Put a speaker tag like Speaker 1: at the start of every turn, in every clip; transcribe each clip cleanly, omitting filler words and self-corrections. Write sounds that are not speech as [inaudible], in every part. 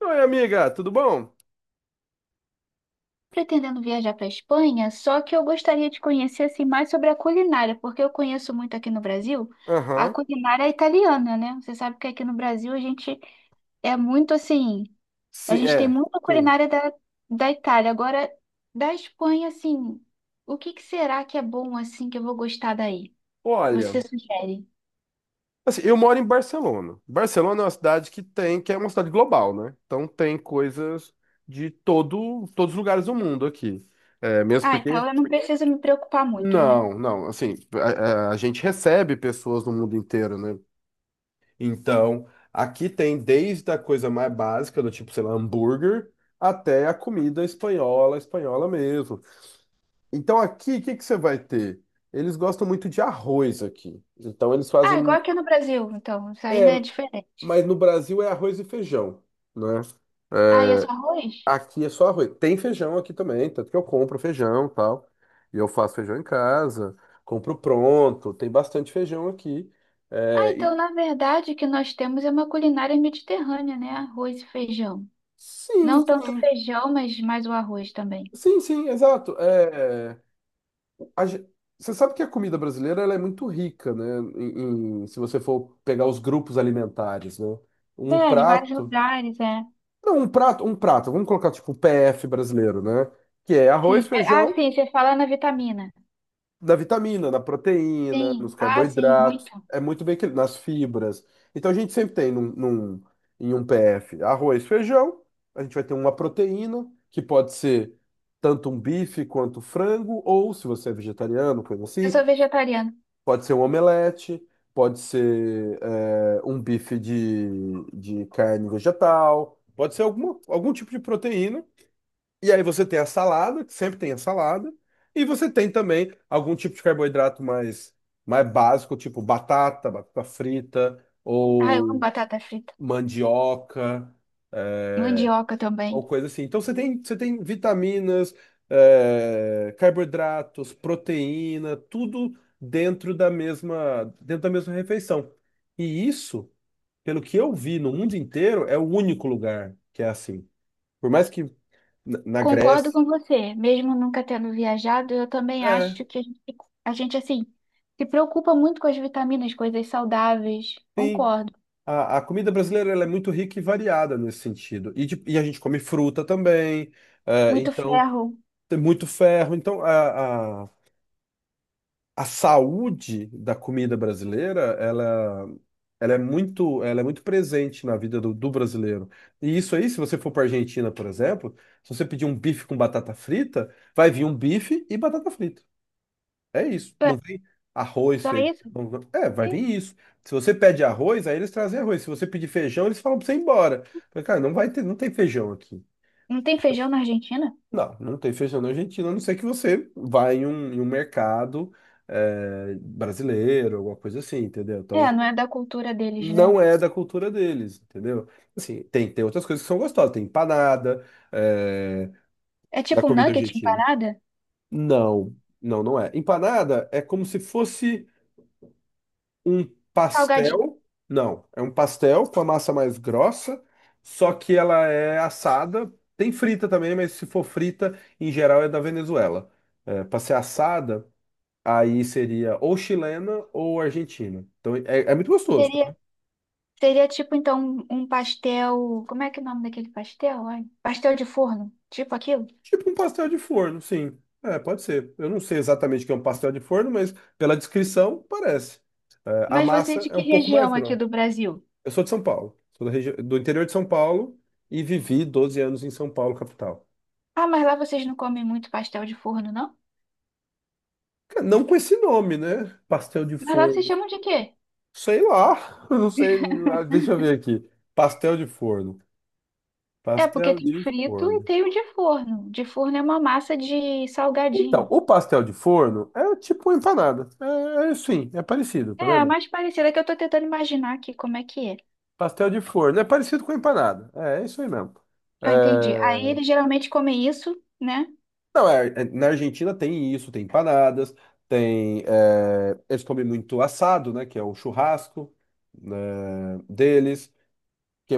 Speaker 1: Oi, amiga, tudo bom?
Speaker 2: Pretendendo viajar para a Espanha, só que eu gostaria de conhecer assim mais sobre a culinária, porque eu conheço muito aqui no Brasil a
Speaker 1: Aham.
Speaker 2: culinária italiana, né? Você sabe que aqui no Brasil a gente é muito assim, a
Speaker 1: Sim,
Speaker 2: gente tem
Speaker 1: é,
Speaker 2: muita
Speaker 1: sim.
Speaker 2: culinária da, da Itália. Agora, da Espanha, assim, o que que será que é bom assim que eu vou gostar daí?
Speaker 1: Olha,
Speaker 2: Você sugere?
Speaker 1: assim, eu moro em Barcelona. Barcelona é uma cidade que é uma cidade global, né? Então tem coisas todos os lugares do mundo aqui. É, mesmo
Speaker 2: Ah, então
Speaker 1: porque.
Speaker 2: eu não preciso me preocupar muito, né?
Speaker 1: Não, não, assim, a gente recebe pessoas do mundo inteiro, né? Então, aqui tem desde a coisa mais básica, do tipo, sei lá, hambúrguer, até a comida espanhola, espanhola mesmo. Então aqui, o que que você vai ter? Eles gostam muito de arroz aqui. Então eles
Speaker 2: Ah, igual
Speaker 1: fazem.
Speaker 2: aqui no Brasil, então, isso aí não é diferente.
Speaker 1: Mas no Brasil é arroz e feijão, né?
Speaker 2: Ah, e é só
Speaker 1: É,
Speaker 2: arroz?
Speaker 1: Aqui é só arroz. Tem feijão aqui também, tanto que eu compro feijão e tal. E eu faço feijão em casa, compro pronto. Tem bastante feijão aqui.
Speaker 2: Ah,
Speaker 1: É,
Speaker 2: então
Speaker 1: e-
Speaker 2: na verdade o que nós temos é uma culinária mediterrânea, né? Arroz e feijão.
Speaker 1: Sim,
Speaker 2: Não tanto
Speaker 1: sim.
Speaker 2: feijão, mas mais o arroz também.
Speaker 1: Sim, sim, exato. É. a ge- Você sabe que a comida brasileira ela é muito rica, né? Se você for pegar os grupos alimentares, né? Um
Speaker 2: É, de vários
Speaker 1: prato
Speaker 2: lugares, é.
Speaker 1: Não, um prato, vamos colocar tipo o PF brasileiro, né? Que é
Speaker 2: Sim.
Speaker 1: arroz,
Speaker 2: É, ah,
Speaker 1: feijão,
Speaker 2: sim, você fala na vitamina.
Speaker 1: na vitamina, na proteína, nos
Speaker 2: Sim, ah, sim,
Speaker 1: carboidratos,
Speaker 2: muito.
Speaker 1: é muito bem equilibrado, nas fibras. Então a gente sempre tem em um PF arroz, feijão, a gente vai ter uma proteína, que pode ser tanto um bife quanto frango, ou se você é vegetariano, coisa
Speaker 2: Eu sou
Speaker 1: assim,
Speaker 2: vegetariana.
Speaker 1: pode ser um omelete, pode ser um bife de carne vegetal, pode ser algum tipo de proteína. E aí você tem a salada, que sempre tem a salada, e você tem também algum tipo de carboidrato mais básico, tipo batata, batata frita,
Speaker 2: Ah, eu amo
Speaker 1: ou
Speaker 2: batata frita.
Speaker 1: mandioca,
Speaker 2: Mandioca
Speaker 1: ou
Speaker 2: também.
Speaker 1: coisa assim. Então você tem, vitaminas, carboidratos, proteína, tudo dentro da mesma refeição. E isso, pelo que eu vi no mundo inteiro, é o único lugar que é assim. Por mais que na
Speaker 2: Concordo
Speaker 1: Grécia.
Speaker 2: com você. Mesmo nunca tendo viajado, eu também acho
Speaker 1: É,
Speaker 2: que a gente, assim, se preocupa muito com as vitaminas, coisas saudáveis.
Speaker 1: sim.
Speaker 2: Concordo.
Speaker 1: A comida brasileira ela é muito rica e variada nesse sentido. E a gente come fruta também,
Speaker 2: Muito
Speaker 1: então
Speaker 2: ferro.
Speaker 1: tem muito ferro. Então a saúde da comida brasileira ela, ela é muito presente na vida do brasileiro. E isso aí, se você for para a Argentina, por exemplo, se você pedir um bife com batata frita, vai vir um bife e batata frita. É isso.
Speaker 2: É,
Speaker 1: Não vem arroz,
Speaker 2: só
Speaker 1: feijão.
Speaker 2: isso?
Speaker 1: Vai vir isso. Se você pede arroz, aí eles trazem arroz. Se você pedir feijão, eles falam pra você ir embora. Mas, cara, não vai ter, não tem feijão aqui.
Speaker 2: Não tem feijão na Argentina?
Speaker 1: Não, não tem feijão na Argentina, a não ser que você vá em um, mercado brasileiro, alguma coisa assim, entendeu? Então,
Speaker 2: É, não é da cultura deles, né?
Speaker 1: não é da cultura deles, entendeu? Assim, tem outras coisas que são gostosas. Tem empanada, é,
Speaker 2: É
Speaker 1: da
Speaker 2: tipo um
Speaker 1: comida
Speaker 2: nugget
Speaker 1: argentina.
Speaker 2: empanada?
Speaker 1: Não, não, não é. Empanada é como se fosse um
Speaker 2: Salgadinho.
Speaker 1: pastel. Não, é um pastel com a massa mais grossa, só que ela é assada. Tem frita também, mas se for frita, em geral é da Venezuela. É, para ser assada, aí seria ou chilena ou argentina. Então é muito gostoso, tá?
Speaker 2: Seria, seria tipo, então, um pastel. Como é que é o nome daquele pastel? Ai, pastel de forno. Tipo aquilo.
Speaker 1: Tipo um pastel de forno, sim. É, pode ser. Eu não sei exatamente o que é um pastel de forno, mas pela descrição parece. É, a
Speaker 2: Mas você é
Speaker 1: massa
Speaker 2: de
Speaker 1: é
Speaker 2: que
Speaker 1: um pouco mais
Speaker 2: região aqui
Speaker 1: grossa.
Speaker 2: do Brasil?
Speaker 1: Eu sou de São Paulo, sou da região, do interior de São Paulo e vivi 12 anos em São Paulo, capital.
Speaker 2: Ah, mas lá vocês não comem muito pastel de forno, não?
Speaker 1: Não com esse nome, né? Pastel de
Speaker 2: Mas lá vocês
Speaker 1: forno.
Speaker 2: chamam de quê?
Speaker 1: Sei lá, [laughs] eu não sei. Deixa eu ver aqui. Pastel de forno.
Speaker 2: É, porque
Speaker 1: Pastel
Speaker 2: tem
Speaker 1: de
Speaker 2: frito e
Speaker 1: forno.
Speaker 2: tem o de forno. De forno é uma massa de
Speaker 1: Então,
Speaker 2: salgadinho.
Speaker 1: o pastel de forno é tipo uma empanada. É, é sim, é parecido, tá
Speaker 2: É, a
Speaker 1: vendo?
Speaker 2: mais parecida que eu tô tentando imaginar aqui como é que é.
Speaker 1: Pastel de forno é parecido com empanada. É, é isso aí mesmo.
Speaker 2: Ah, entendi.
Speaker 1: É,
Speaker 2: Aí eles geralmente comem isso, né?
Speaker 1: Não, na Argentina tem isso, tem empanadas, tem. Eles comem muito assado, né? Que é o churrasco, né, deles. Que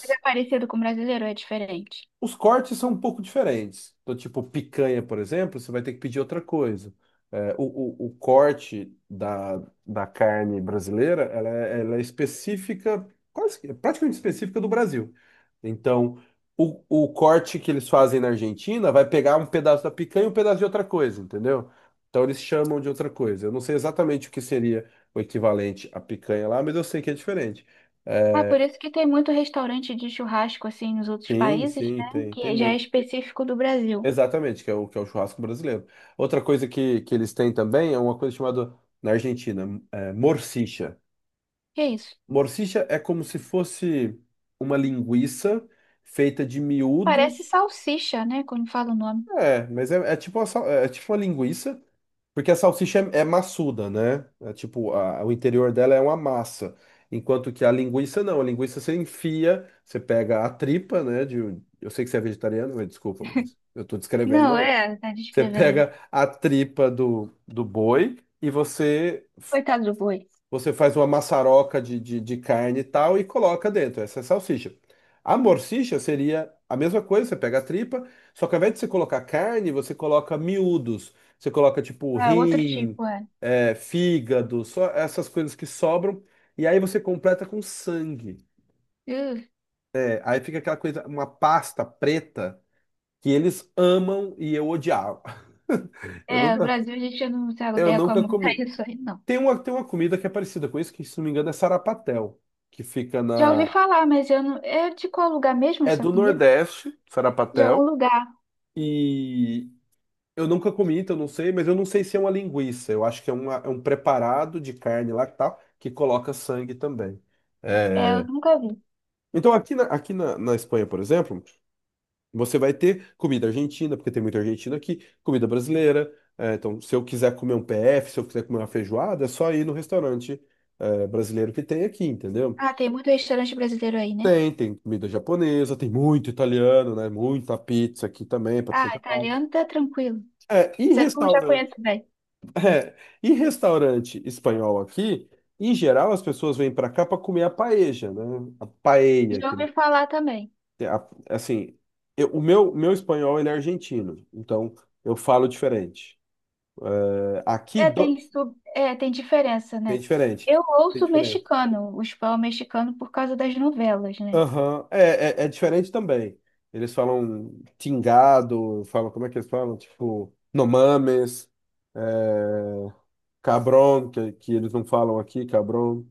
Speaker 2: Mas é parecido com o brasileiro, ou é diferente.
Speaker 1: Os cortes são um pouco diferentes. Então, tipo, picanha, por exemplo, você vai ter que pedir outra coisa. É, o, o corte da carne brasileira, ela é específica, quase, é praticamente específica do Brasil. Então, o corte que eles fazem na Argentina vai pegar um pedaço da picanha e um pedaço de outra coisa, entendeu? Então, eles chamam de outra coisa. Eu não sei exatamente o que seria o equivalente à picanha lá, mas eu sei que é diferente.
Speaker 2: Ah,
Speaker 1: É,
Speaker 2: por isso que tem muito restaurante de churrasco assim nos outros
Speaker 1: Sim,
Speaker 2: países,
Speaker 1: sim,
Speaker 2: né?
Speaker 1: tem
Speaker 2: Que já é
Speaker 1: muito.
Speaker 2: específico do Brasil.
Speaker 1: Exatamente, que é o churrasco brasileiro. Outra coisa que eles têm também é uma coisa chamada, na Argentina, morcicha.
Speaker 2: Que é isso?
Speaker 1: Morcicha é como se fosse uma linguiça feita de
Speaker 2: Parece
Speaker 1: miúdos.
Speaker 2: salsicha, né? Quando fala o nome.
Speaker 1: Mas é, é tipo uma, sal- é é tipo uma linguiça, porque a salsicha é maçuda, né? É tipo, o interior dela é uma massa. Enquanto que a linguiça não, a linguiça você enfia, você pega a tripa, né? Eu sei que você é vegetariano, mas desculpa, mas eu tô descrevendo o
Speaker 2: Não,
Speaker 1: negócio.
Speaker 2: é, tá
Speaker 1: Você
Speaker 2: descrevendo.
Speaker 1: pega a tripa do boi e
Speaker 2: Coitado do boi.
Speaker 1: você faz uma maçaroca de carne e tal e coloca dentro. Essa é a salsicha. A morsicha seria a mesma coisa, você pega a tripa, só que ao invés de você colocar carne, você coloca miúdos. Você coloca tipo
Speaker 2: Ah, outro
Speaker 1: rim,
Speaker 2: tipo, é.
Speaker 1: fígado, só essas coisas que sobram. E aí você completa com sangue.
Speaker 2: Uh,
Speaker 1: Aí fica aquela coisa, uma pasta preta que eles amam e eu odiava. [laughs] Eu
Speaker 2: é, o
Speaker 1: nunca,
Speaker 2: Brasil a gente não se
Speaker 1: eu
Speaker 2: adequa
Speaker 1: nunca
Speaker 2: muito a
Speaker 1: comi.
Speaker 2: isso aí, não.
Speaker 1: Tem uma comida que é parecida com isso, que se não me engano é sarapatel, que fica
Speaker 2: Já ouvi
Speaker 1: na...
Speaker 2: falar, mas eu não. É de qual lugar mesmo
Speaker 1: É
Speaker 2: essa
Speaker 1: do
Speaker 2: comida?
Speaker 1: Nordeste,
Speaker 2: De algum
Speaker 1: sarapatel,
Speaker 2: lugar.
Speaker 1: e eu nunca comi, então eu não sei, mas eu não sei se é uma linguiça, eu acho que é um preparado de carne lá que tal, que coloca sangue também.
Speaker 2: É, eu
Speaker 1: É,
Speaker 2: nunca vi.
Speaker 1: Então aqui, na Espanha, por exemplo, você vai ter comida argentina, porque tem muita argentina aqui, comida brasileira, então se eu quiser comer um PF, se eu quiser comer uma feijoada, é só ir no restaurante, brasileiro que tem aqui, entendeu?
Speaker 2: Ah, tem muito restaurante brasileiro aí, né?
Speaker 1: Tem comida japonesa, tem muito italiano, né? Muita pizza aqui também, para tudo.
Speaker 2: Ah, italiano tá tranquilo.
Speaker 1: É, e
Speaker 2: Isso aí eu já
Speaker 1: restaurante.
Speaker 2: conheço bem.
Speaker 1: [laughs] É, e restaurante espanhol aqui, em geral, as pessoas vêm para cá para comer a paella, né? A paella,
Speaker 2: Já ouvi falar também.
Speaker 1: a- assim, meu espanhol ele é argentino, então eu falo diferente. É, Aqui
Speaker 2: É, tem
Speaker 1: do-
Speaker 2: sub... é, tem diferença,
Speaker 1: Tem
Speaker 2: né?
Speaker 1: diferente.
Speaker 2: Eu
Speaker 1: Tem
Speaker 2: ouço
Speaker 1: diferença.
Speaker 2: mexicano, o espanhol mexicano por causa das novelas, né?
Speaker 1: Aham, é diferente também. Eles falam tingado, falam, como é que eles falam? Tipo, nomames, é, cabron, que eles não falam aqui, cabron.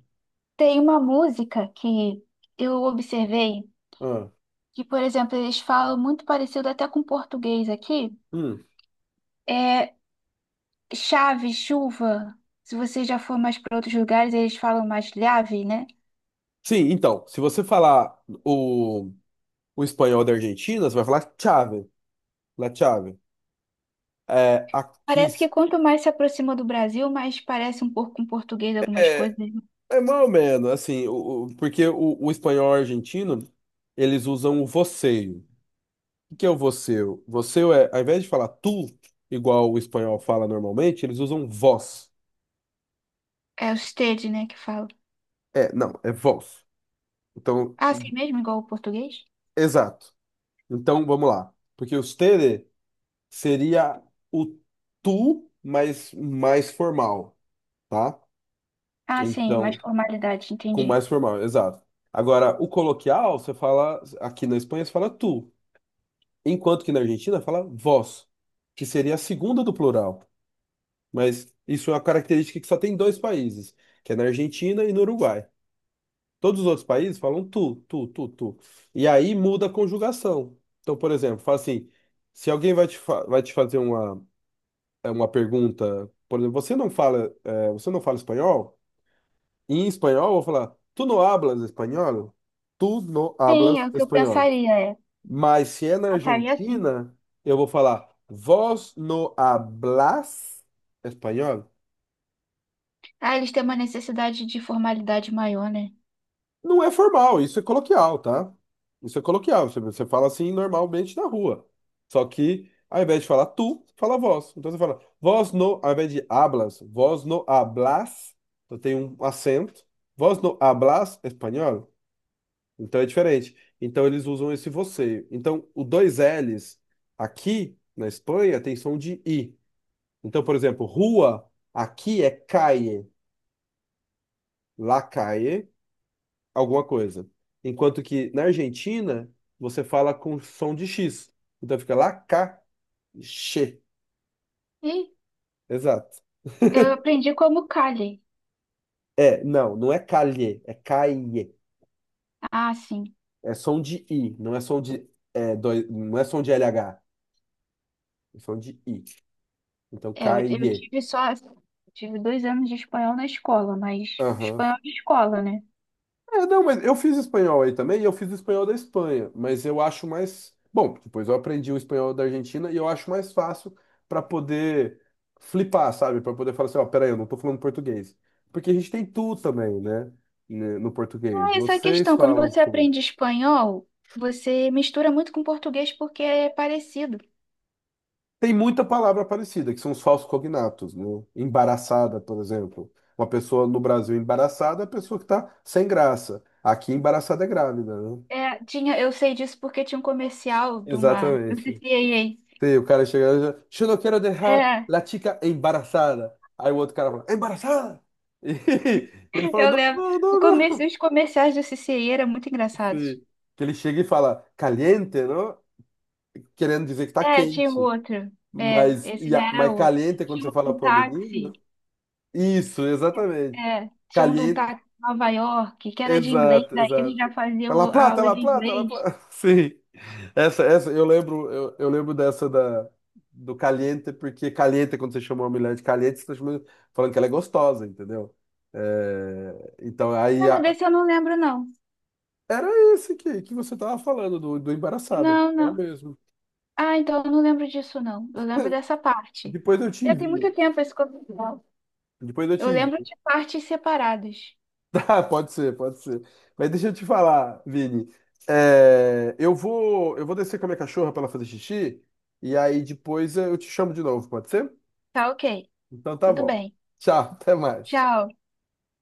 Speaker 2: Tem uma música que eu observei
Speaker 1: Ah,
Speaker 2: que, por exemplo, eles falam muito parecido até com português aqui.
Speaker 1: hum.
Speaker 2: É chave, chuva. Se você já for mais para outros lugares, eles falam mais lhave, né?
Speaker 1: Sim, então, se você falar o espanhol da Argentina, você vai falar chave, la chave. Aqui,
Speaker 2: Parece que quanto mais se aproxima do Brasil, mais parece um pouco com português algumas
Speaker 1: é,
Speaker 2: coisas.
Speaker 1: é mais ou menos, assim, porque o espanhol argentino, eles usam o você. O que é o voceu? Voceu é, ao invés de falar tu, igual o espanhol fala normalmente, eles usam vós.
Speaker 2: É o stage, né, que fala.
Speaker 1: É, não, é vós. Então,
Speaker 2: Ah, assim mesmo, igual o português?
Speaker 1: exato. Então, vamos lá. Porque o usted seria o tu, mas mais formal, tá?
Speaker 2: Ah, sim, mais
Speaker 1: Então,
Speaker 2: formalidade,
Speaker 1: com
Speaker 2: entendi.
Speaker 1: mais formal, exato. Agora, o coloquial, você fala, aqui na Espanha, você fala tu. Enquanto que na Argentina fala vós, que seria a segunda do plural. Mas isso é uma característica que só tem dois países, que é na Argentina e no Uruguai. Todos os outros países falam tu, tu, tu, tu. E aí muda a conjugação. Então, por exemplo, fala assim, se alguém vai te fazer uma pergunta, por exemplo, você não fala, você não fala espanhol? Em espanhol, eu vou falar, tu não hablas espanhol? Tu não
Speaker 2: Sim, é
Speaker 1: hablas
Speaker 2: o que eu
Speaker 1: espanhol.
Speaker 2: pensaria, é.
Speaker 1: Mas se é na
Speaker 2: Pensaria assim.
Speaker 1: Argentina, eu vou falar, vós no hablas espanhol?
Speaker 2: Ah, eles têm uma necessidade de formalidade maior, né?
Speaker 1: Não é formal, isso é coloquial, tá? Isso é coloquial, você fala assim normalmente na rua. Só que, ao invés de falar tu, fala vós. Então você fala, vós no, ao invés de hablas, vós no hablas, então tem um acento, vós no hablas espanhol, então é diferente. Então eles usam esse você. Então, o dois L's aqui na Espanha tem som de I. Então, por exemplo, rua, aqui é calle, la calle, alguma coisa. Enquanto que na Argentina, você fala com som de X. Então fica lá, cá, che.
Speaker 2: E
Speaker 1: Exato.
Speaker 2: eu aprendi como Kali.
Speaker 1: É, não, não é calhe, é caie.
Speaker 2: Ah, sim.
Speaker 1: É som de I, não é som de, não é som de LH, é som de I. Então,
Speaker 2: É, eu
Speaker 1: caie.
Speaker 2: tive só. Tive 2 anos de espanhol na escola, mas
Speaker 1: Aham.
Speaker 2: espanhol de escola, né?
Speaker 1: É, não, mas eu fiz espanhol aí também, e eu fiz espanhol da Espanha, mas eu acho mais. Bom, depois eu aprendi o espanhol da Argentina e eu acho mais fácil para poder flipar, sabe? Para poder falar assim, ó, peraí, eu não tô falando português. Porque a gente tem tu também, né? Né, No português.
Speaker 2: Ah, essa é a
Speaker 1: Vocês
Speaker 2: questão. Quando
Speaker 1: falam
Speaker 2: você
Speaker 1: tu.
Speaker 2: aprende espanhol, você mistura muito com português porque é parecido.
Speaker 1: Tem muita palavra parecida, que são os falsos cognatos, né? Embaraçada, por exemplo. Uma pessoa no Brasil embaraçada é a pessoa que tá sem graça. Aqui embaraçada é grávida, né?
Speaker 2: É, tinha, eu sei disso porque tinha um comercial de uma. [laughs] do
Speaker 1: Exatamente. Sim, o cara chega lá e diz, eu não quero deixar
Speaker 2: é.
Speaker 1: a chica embarazada. Aí o outro cara fala, embarazada? E [laughs] ele fala,
Speaker 2: Eu
Speaker 1: não,
Speaker 2: lembro.
Speaker 1: não,
Speaker 2: O
Speaker 1: não,
Speaker 2: começo,
Speaker 1: não.
Speaker 2: os comerciais do CCI eram muito engraçados.
Speaker 1: Sim. Que ele chega e fala, caliente, não? Querendo dizer que tá
Speaker 2: É, tinha um
Speaker 1: quente.
Speaker 2: outro. É,
Speaker 1: Mas,
Speaker 2: esse já era
Speaker 1: mas
Speaker 2: outro.
Speaker 1: caliente é quando
Speaker 2: Tinha
Speaker 1: você
Speaker 2: um
Speaker 1: fala
Speaker 2: de um
Speaker 1: pro menino.
Speaker 2: táxi.
Speaker 1: Né? Isso, exatamente.
Speaker 2: É, tinha um de um
Speaker 1: Caliente.
Speaker 2: táxi em Nova York, que era de inglês,
Speaker 1: Exato,
Speaker 2: daí eles
Speaker 1: exato.
Speaker 2: já
Speaker 1: Tá La
Speaker 2: faziam a
Speaker 1: Plata,
Speaker 2: aula
Speaker 1: La
Speaker 2: de
Speaker 1: Plata, La
Speaker 2: inglês.
Speaker 1: Plata. [laughs] Sim. Essa, eu lembro, eu lembro do Caliente, porque Caliente, quando você chama uma mulher de Caliente, você tá chamando, falando que ela é gostosa, entendeu? É, então, aí,
Speaker 2: Não, mas desse eu não lembro, não.
Speaker 1: era esse que você tava falando, do embaraçado.
Speaker 2: Não,
Speaker 1: É o
Speaker 2: não.
Speaker 1: mesmo.
Speaker 2: Ah, então eu não lembro disso, não. Eu lembro dessa parte.
Speaker 1: Depois eu te
Speaker 2: Já tem muito
Speaker 1: envio.
Speaker 2: tempo esse comercial.
Speaker 1: Depois eu
Speaker 2: Eu
Speaker 1: te
Speaker 2: lembro
Speaker 1: envio.
Speaker 2: de partes separadas.
Speaker 1: [laughs] Ah, pode ser, pode ser. Mas deixa eu te falar, Vini. É, eu vou descer com a minha cachorra para ela fazer xixi e aí depois eu te chamo de novo, pode ser?
Speaker 2: Tá ok.
Speaker 1: Então tá
Speaker 2: Tudo
Speaker 1: bom.
Speaker 2: bem.
Speaker 1: Tchau, [laughs] até mais.
Speaker 2: Tchau.